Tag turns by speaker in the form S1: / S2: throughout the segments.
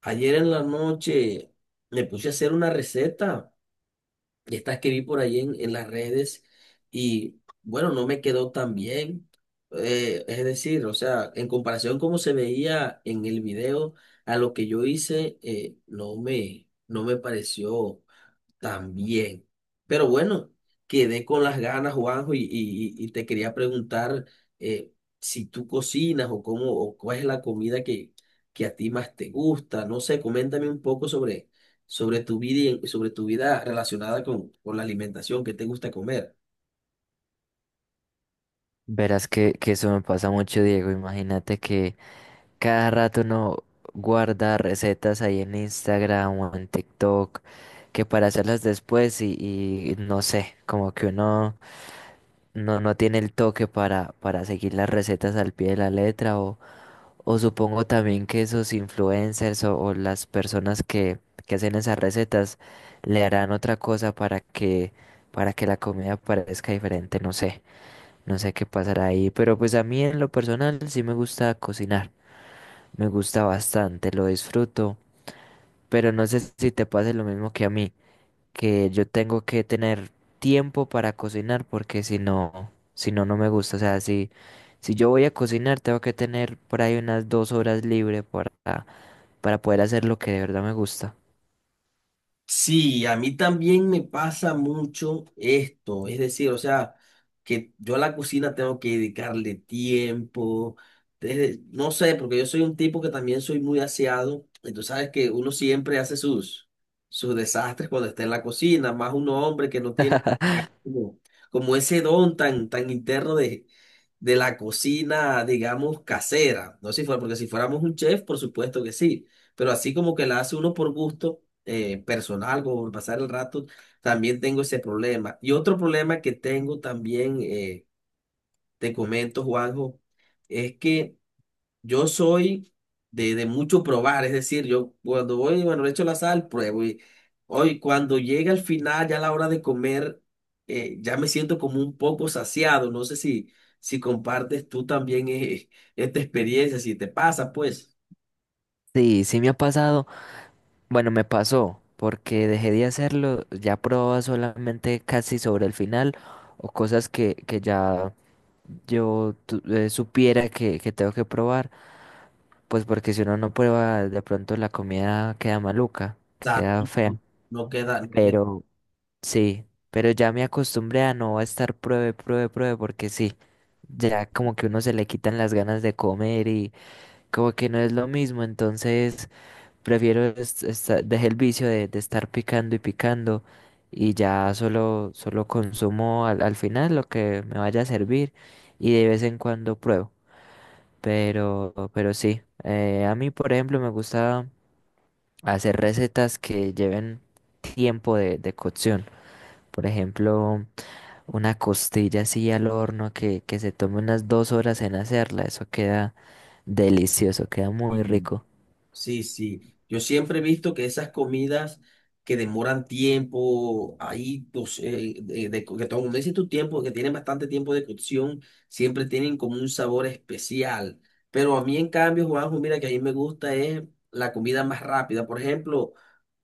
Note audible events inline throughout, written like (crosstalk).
S1: Ayer en la noche me puse a hacer una receta, y estas que vi por ahí en las redes, y bueno, no me quedó tan bien. Es decir, o sea, en comparación como se veía en el video, a lo que yo hice, no me pareció. También. Pero bueno, quedé con las ganas, Juanjo, y te quería preguntar eh, si tú cocinas o cómo o cuál es la comida que a ti más te gusta. No sé, coméntame un poco sobre tu vida y sobre tu vida relacionada con la alimentación, qué te gusta comer.
S2: Verás que eso me pasa mucho, Diego. Imagínate que cada rato uno guarda recetas ahí en Instagram o en TikTok, que para hacerlas después y no sé, como que uno no tiene el toque para seguir las recetas al pie de la letra. O supongo también que esos influencers o las personas que hacen esas recetas le harán otra cosa para que la comida parezca diferente, no sé. No sé qué pasará ahí, pero pues a mí en lo personal sí me gusta cocinar, me gusta bastante, lo disfruto, pero no sé si te pase lo mismo que a mí, que yo tengo que tener tiempo para cocinar porque si no, no me gusta, o sea, si yo voy a cocinar tengo que tener por ahí unas 2 horas libre para poder hacer lo que de verdad me gusta.
S1: Sí, a mí también me pasa mucho esto, es decir, o sea, que yo a la cocina tengo que dedicarle tiempo, no sé, porque yo soy un tipo que también soy muy aseado, y tú sabes que uno siempre hace sus desastres cuando está en la cocina, más un hombre que no tiene
S2: (laughs)
S1: como, como ese don tan, tan interno de la cocina, digamos, casera. No sé si fuera, porque si fuéramos un chef, por supuesto que sí, pero así como que la hace uno por gusto personal, como por pasar el rato, también tengo ese problema. Y otro problema que tengo también, te comento, Juanjo, es que yo soy de mucho probar, es decir, yo cuando voy, bueno, le echo la sal, pruebo y hoy cuando llega al final, ya a la hora de comer, ya me siento como un poco saciado. No sé si compartes tú también (laughs) esta experiencia, si te pasa, pues,
S2: Sí, sí me ha pasado. Bueno, me pasó, porque dejé de hacerlo, ya probaba solamente casi sobre el final o cosas que ya supiera que tengo que probar, pues porque si uno no prueba, de pronto la comida queda maluca,
S1: o sea,
S2: queda fea.
S1: no queda, no
S2: Pero sí, pero ya me acostumbré a no estar pruebe, pruebe, pruebe, porque sí, ya como que uno se le quitan las ganas de comer y como que no es lo mismo, entonces. Prefiero es dejé el vicio de estar picando y picando y ya solo consumo al final lo que me vaya a servir y de vez en cuando pruebo. Pero sí, a mí por ejemplo me gusta hacer recetas que lleven tiempo de cocción. Por ejemplo, una costilla así al horno que se tome unas 2 horas en hacerla. Eso queda delicioso, queda
S1: queda.
S2: muy rico.
S1: Sí, sí. Yo siempre he visto que esas comidas que demoran tiempo, ahí, pues, de que todo dice tu tiempo, que tienen bastante tiempo de cocción, siempre tienen como un sabor especial. Pero a mí, en cambio, Juanjo, mira que a mí me gusta es la comida más rápida. Por ejemplo,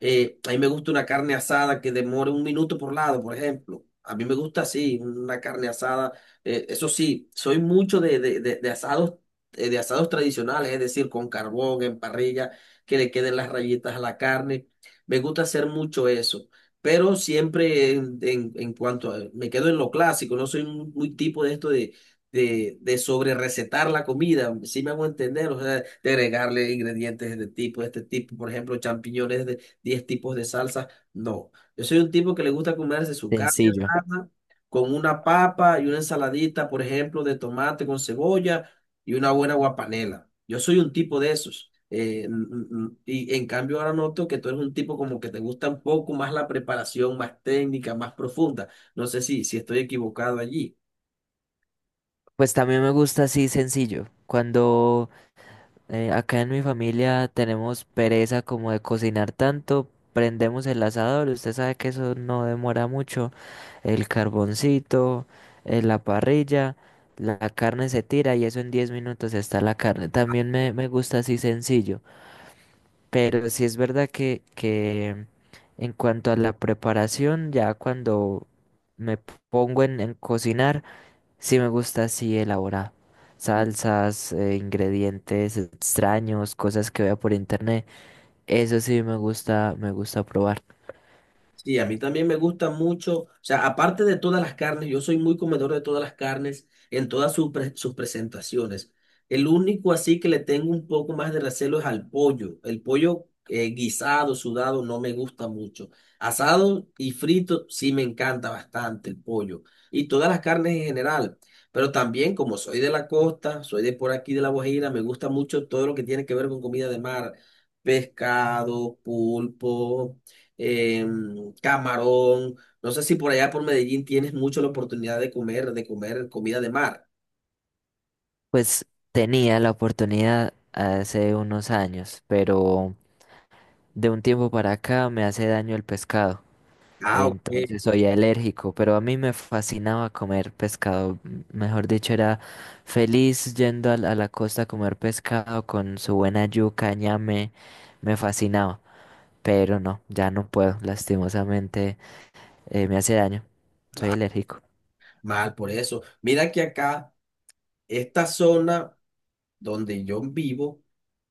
S1: a mí me gusta una carne asada que demore un minuto por lado, por ejemplo. A mí me gusta así, una carne asada. Eso sí, soy mucho de asados, de asados tradicionales, es decir, con carbón, en parrilla, que le queden las rayitas a la carne. Me gusta hacer mucho eso. Pero siempre en cuanto a, me quedo en lo clásico, no soy muy tipo de esto de sobre recetar la comida, si me hago entender, o sea, de agregarle ingredientes de este tipo, por ejemplo, champiñones 10 tipos de salsa. No, yo soy un tipo que le gusta comerse su carne
S2: Sencillo.
S1: asada con una papa y una ensaladita, por ejemplo, de tomate con cebolla y una buena guapanela. Yo soy un tipo de esos. Y en cambio ahora noto que tú eres un tipo como que te gusta un poco más la preparación, más técnica, más profunda. No sé si estoy equivocado allí.
S2: Pues también me gusta así sencillo. Cuando acá en mi familia tenemos pereza como de cocinar tanto, prendemos el asador. Usted sabe que eso no demora mucho. El carboncito, la parrilla, la carne se tira y eso en 10 minutos está la carne. También me gusta así sencillo. Pero sí es verdad que en cuanto a la preparación, ya cuando me pongo en cocinar. Sí me gusta así elaborado. Salsas, ingredientes extraños, cosas que vea por internet. Eso sí me gusta probar.
S1: Sí, a mí también me gusta mucho, o sea, aparte de todas las carnes, yo soy muy comedor de todas las carnes en todas sus presentaciones. El único así que le tengo un poco más de recelo es al pollo. El pollo guisado, sudado, no me gusta mucho. Asado y frito sí me encanta bastante el pollo y todas las carnes en general. Pero también como soy de la costa, soy de por aquí de La Guajira, me gusta mucho todo lo que tiene que ver con comida de mar, pescado, pulpo camarón. No sé si por allá por Medellín tienes mucho la oportunidad de comer comida de mar.
S2: Pues tenía la oportunidad hace unos años, pero de un tiempo para acá me hace daño el pescado.
S1: Ah, ok,
S2: Entonces soy alérgico, pero a mí me fascinaba comer pescado. Mejor dicho, era feliz yendo a la costa a comer pescado con su buena yuca, ñame. Me fascinaba. Pero no, ya no puedo, lastimosamente, me hace daño, soy alérgico.
S1: mal por eso. Mira que acá, esta zona. Donde yo vivo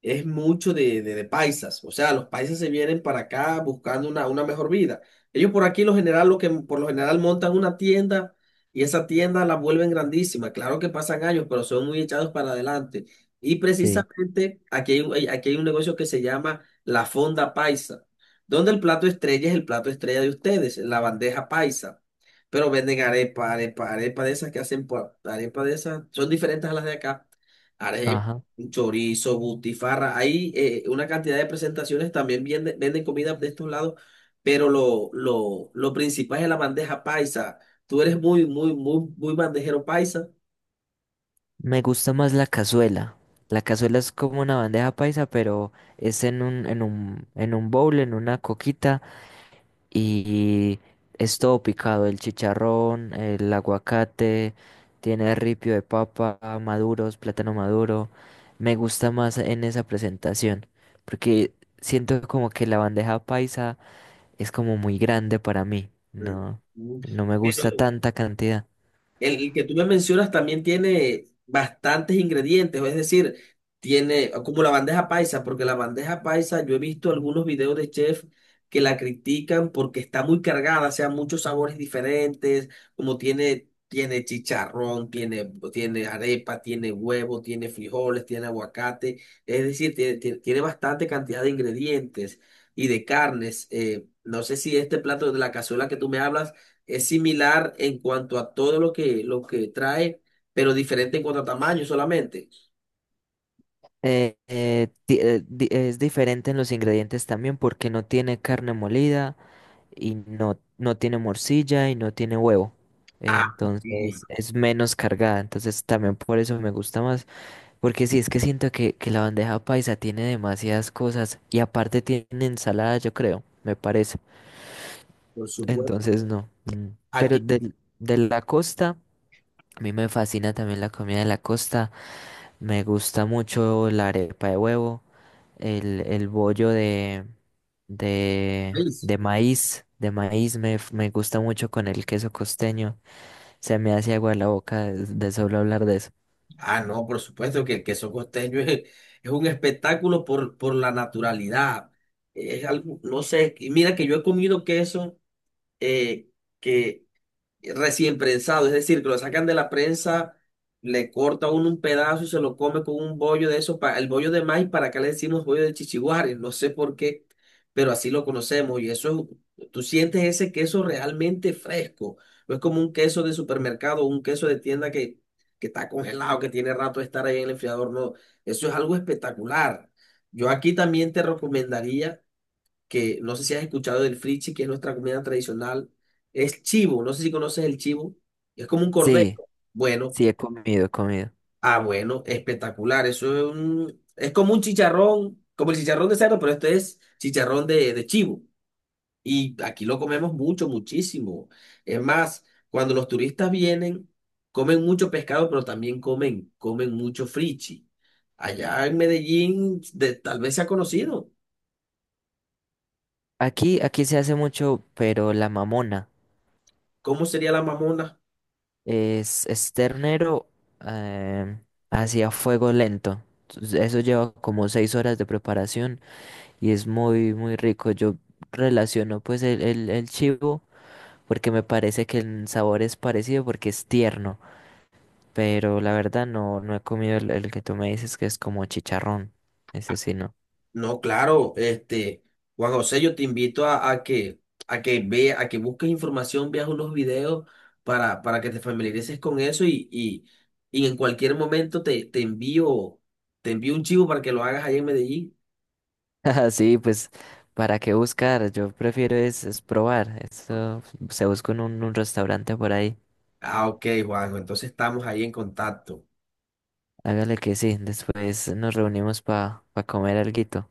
S1: es mucho de paisas. O sea, los paisas se vienen para acá buscando una mejor vida. Ellos por aquí lo general, lo que por lo general montan una tienda y esa tienda la vuelven grandísima. Claro que pasan años, pero son muy echados para adelante. Y
S2: Sí,
S1: precisamente aquí aquí hay un negocio que se llama la Fonda Paisa, donde el plato estrella es el plato estrella de ustedes, la bandeja paisa. Pero venden arepa, arepa, arepa de esas que hacen, por- arepa de esas, son diferentes a las de acá arepa,
S2: ajá.
S1: chorizo, butifarra. Hay una cantidad de presentaciones, también venden comida de estos lados, pero lo principal es la bandeja paisa. Tú eres muy bandejero paisa.
S2: Me gusta más la cazuela. La cazuela es como una bandeja paisa, pero es en un bowl, en una coquita, y es todo picado, el chicharrón, el aguacate, tiene ripio de papa, maduros, plátano maduro. Me gusta más en esa presentación, porque siento como que la bandeja paisa es como muy grande para mí.
S1: Mm.
S2: No,
S1: Mm.
S2: no me gusta
S1: Pero,
S2: tanta cantidad.
S1: el que tú me mencionas también tiene bastantes ingredientes, es decir, tiene como la bandeja paisa, porque la bandeja paisa yo he visto algunos videos de chef que la critican porque está muy cargada, o sea, muchos sabores diferentes, como tiene, tiene chicharrón, tiene arepa, tiene huevo, tiene frijoles, tiene aguacate, es decir, tiene bastante cantidad de ingredientes y de carnes. No sé si este plato de la cazuela que tú me hablas es similar en cuanto a todo lo que trae, pero diferente en cuanto a tamaño solamente.
S2: Es diferente en los ingredientes también porque no tiene carne molida y no tiene morcilla y no tiene huevo.
S1: Ah, bien,
S2: Entonces es menos cargada. Entonces también por eso me gusta más. Porque sí, es que siento que la bandeja paisa tiene demasiadas cosas y aparte tiene ensalada, yo creo, me parece.
S1: por supuesto.
S2: Entonces no. Mm. Pero
S1: Aquí,
S2: de la costa. A mí me fascina también la comida de la costa. Me gusta mucho la arepa de huevo, el bollo de,
S1: en el
S2: de,
S1: país.
S2: de maíz, de maíz me gusta mucho con el queso costeño. Se me hace agua la boca de solo hablar de eso.
S1: Ah, no, por supuesto que el queso costeño es un espectáculo por la naturalidad. Es algo, no sé, y mira que yo he comido queso eh, que recién prensado, es decir, que lo sacan de la prensa, le corta uno un pedazo y se lo come con un bollo de eso, el bollo de maíz, para acá le decimos bollo de chichiguares, no sé por qué, pero así lo conocemos y eso, es- tú sientes ese queso realmente fresco, no es como un queso de supermercado, un queso de tienda que está congelado, que tiene rato de estar ahí en el enfriador, no, eso es algo espectacular. Yo aquí también te recomendaría que no sé si has escuchado del frichi, que es nuestra comida tradicional, es chivo, no sé si conoces el chivo, es como un cordero.
S2: Sí,
S1: Bueno,
S2: sí, he comido, he comido.
S1: ah, bueno, espectacular, eso es un- es como un chicharrón, como el chicharrón de cerdo, pero este es chicharrón de chivo. Y aquí lo comemos mucho, muchísimo. Es más, cuando los turistas vienen, comen mucho pescado, pero también comen, comen mucho frichi. Allá en Medellín, de- tal vez se ha conocido.
S2: Aquí se hace mucho, pero la mamona
S1: ¿Cómo sería la mamona?
S2: es ternero, eh, hacia fuego lento. Entonces, eso lleva como 6 horas de preparación y es muy, muy rico. Yo relaciono pues el chivo porque me parece que el sabor es parecido porque es tierno, pero la verdad no he comido el que tú me dices que es como chicharrón. Ese sí no.
S1: No, claro, este, Juan José, yo te invito a que ve, a que busques información, veas unos videos para que te familiarices con eso y en cualquier momento te envío un chivo para que lo hagas ahí en Medellín.
S2: (laughs) Sí, pues para qué buscar, yo prefiero es probar. Esto se busca en un restaurante por ahí.
S1: Ah, ok, Juanjo, entonces estamos ahí en contacto.
S2: Hágale que sí, después nos reunimos para comer alguito.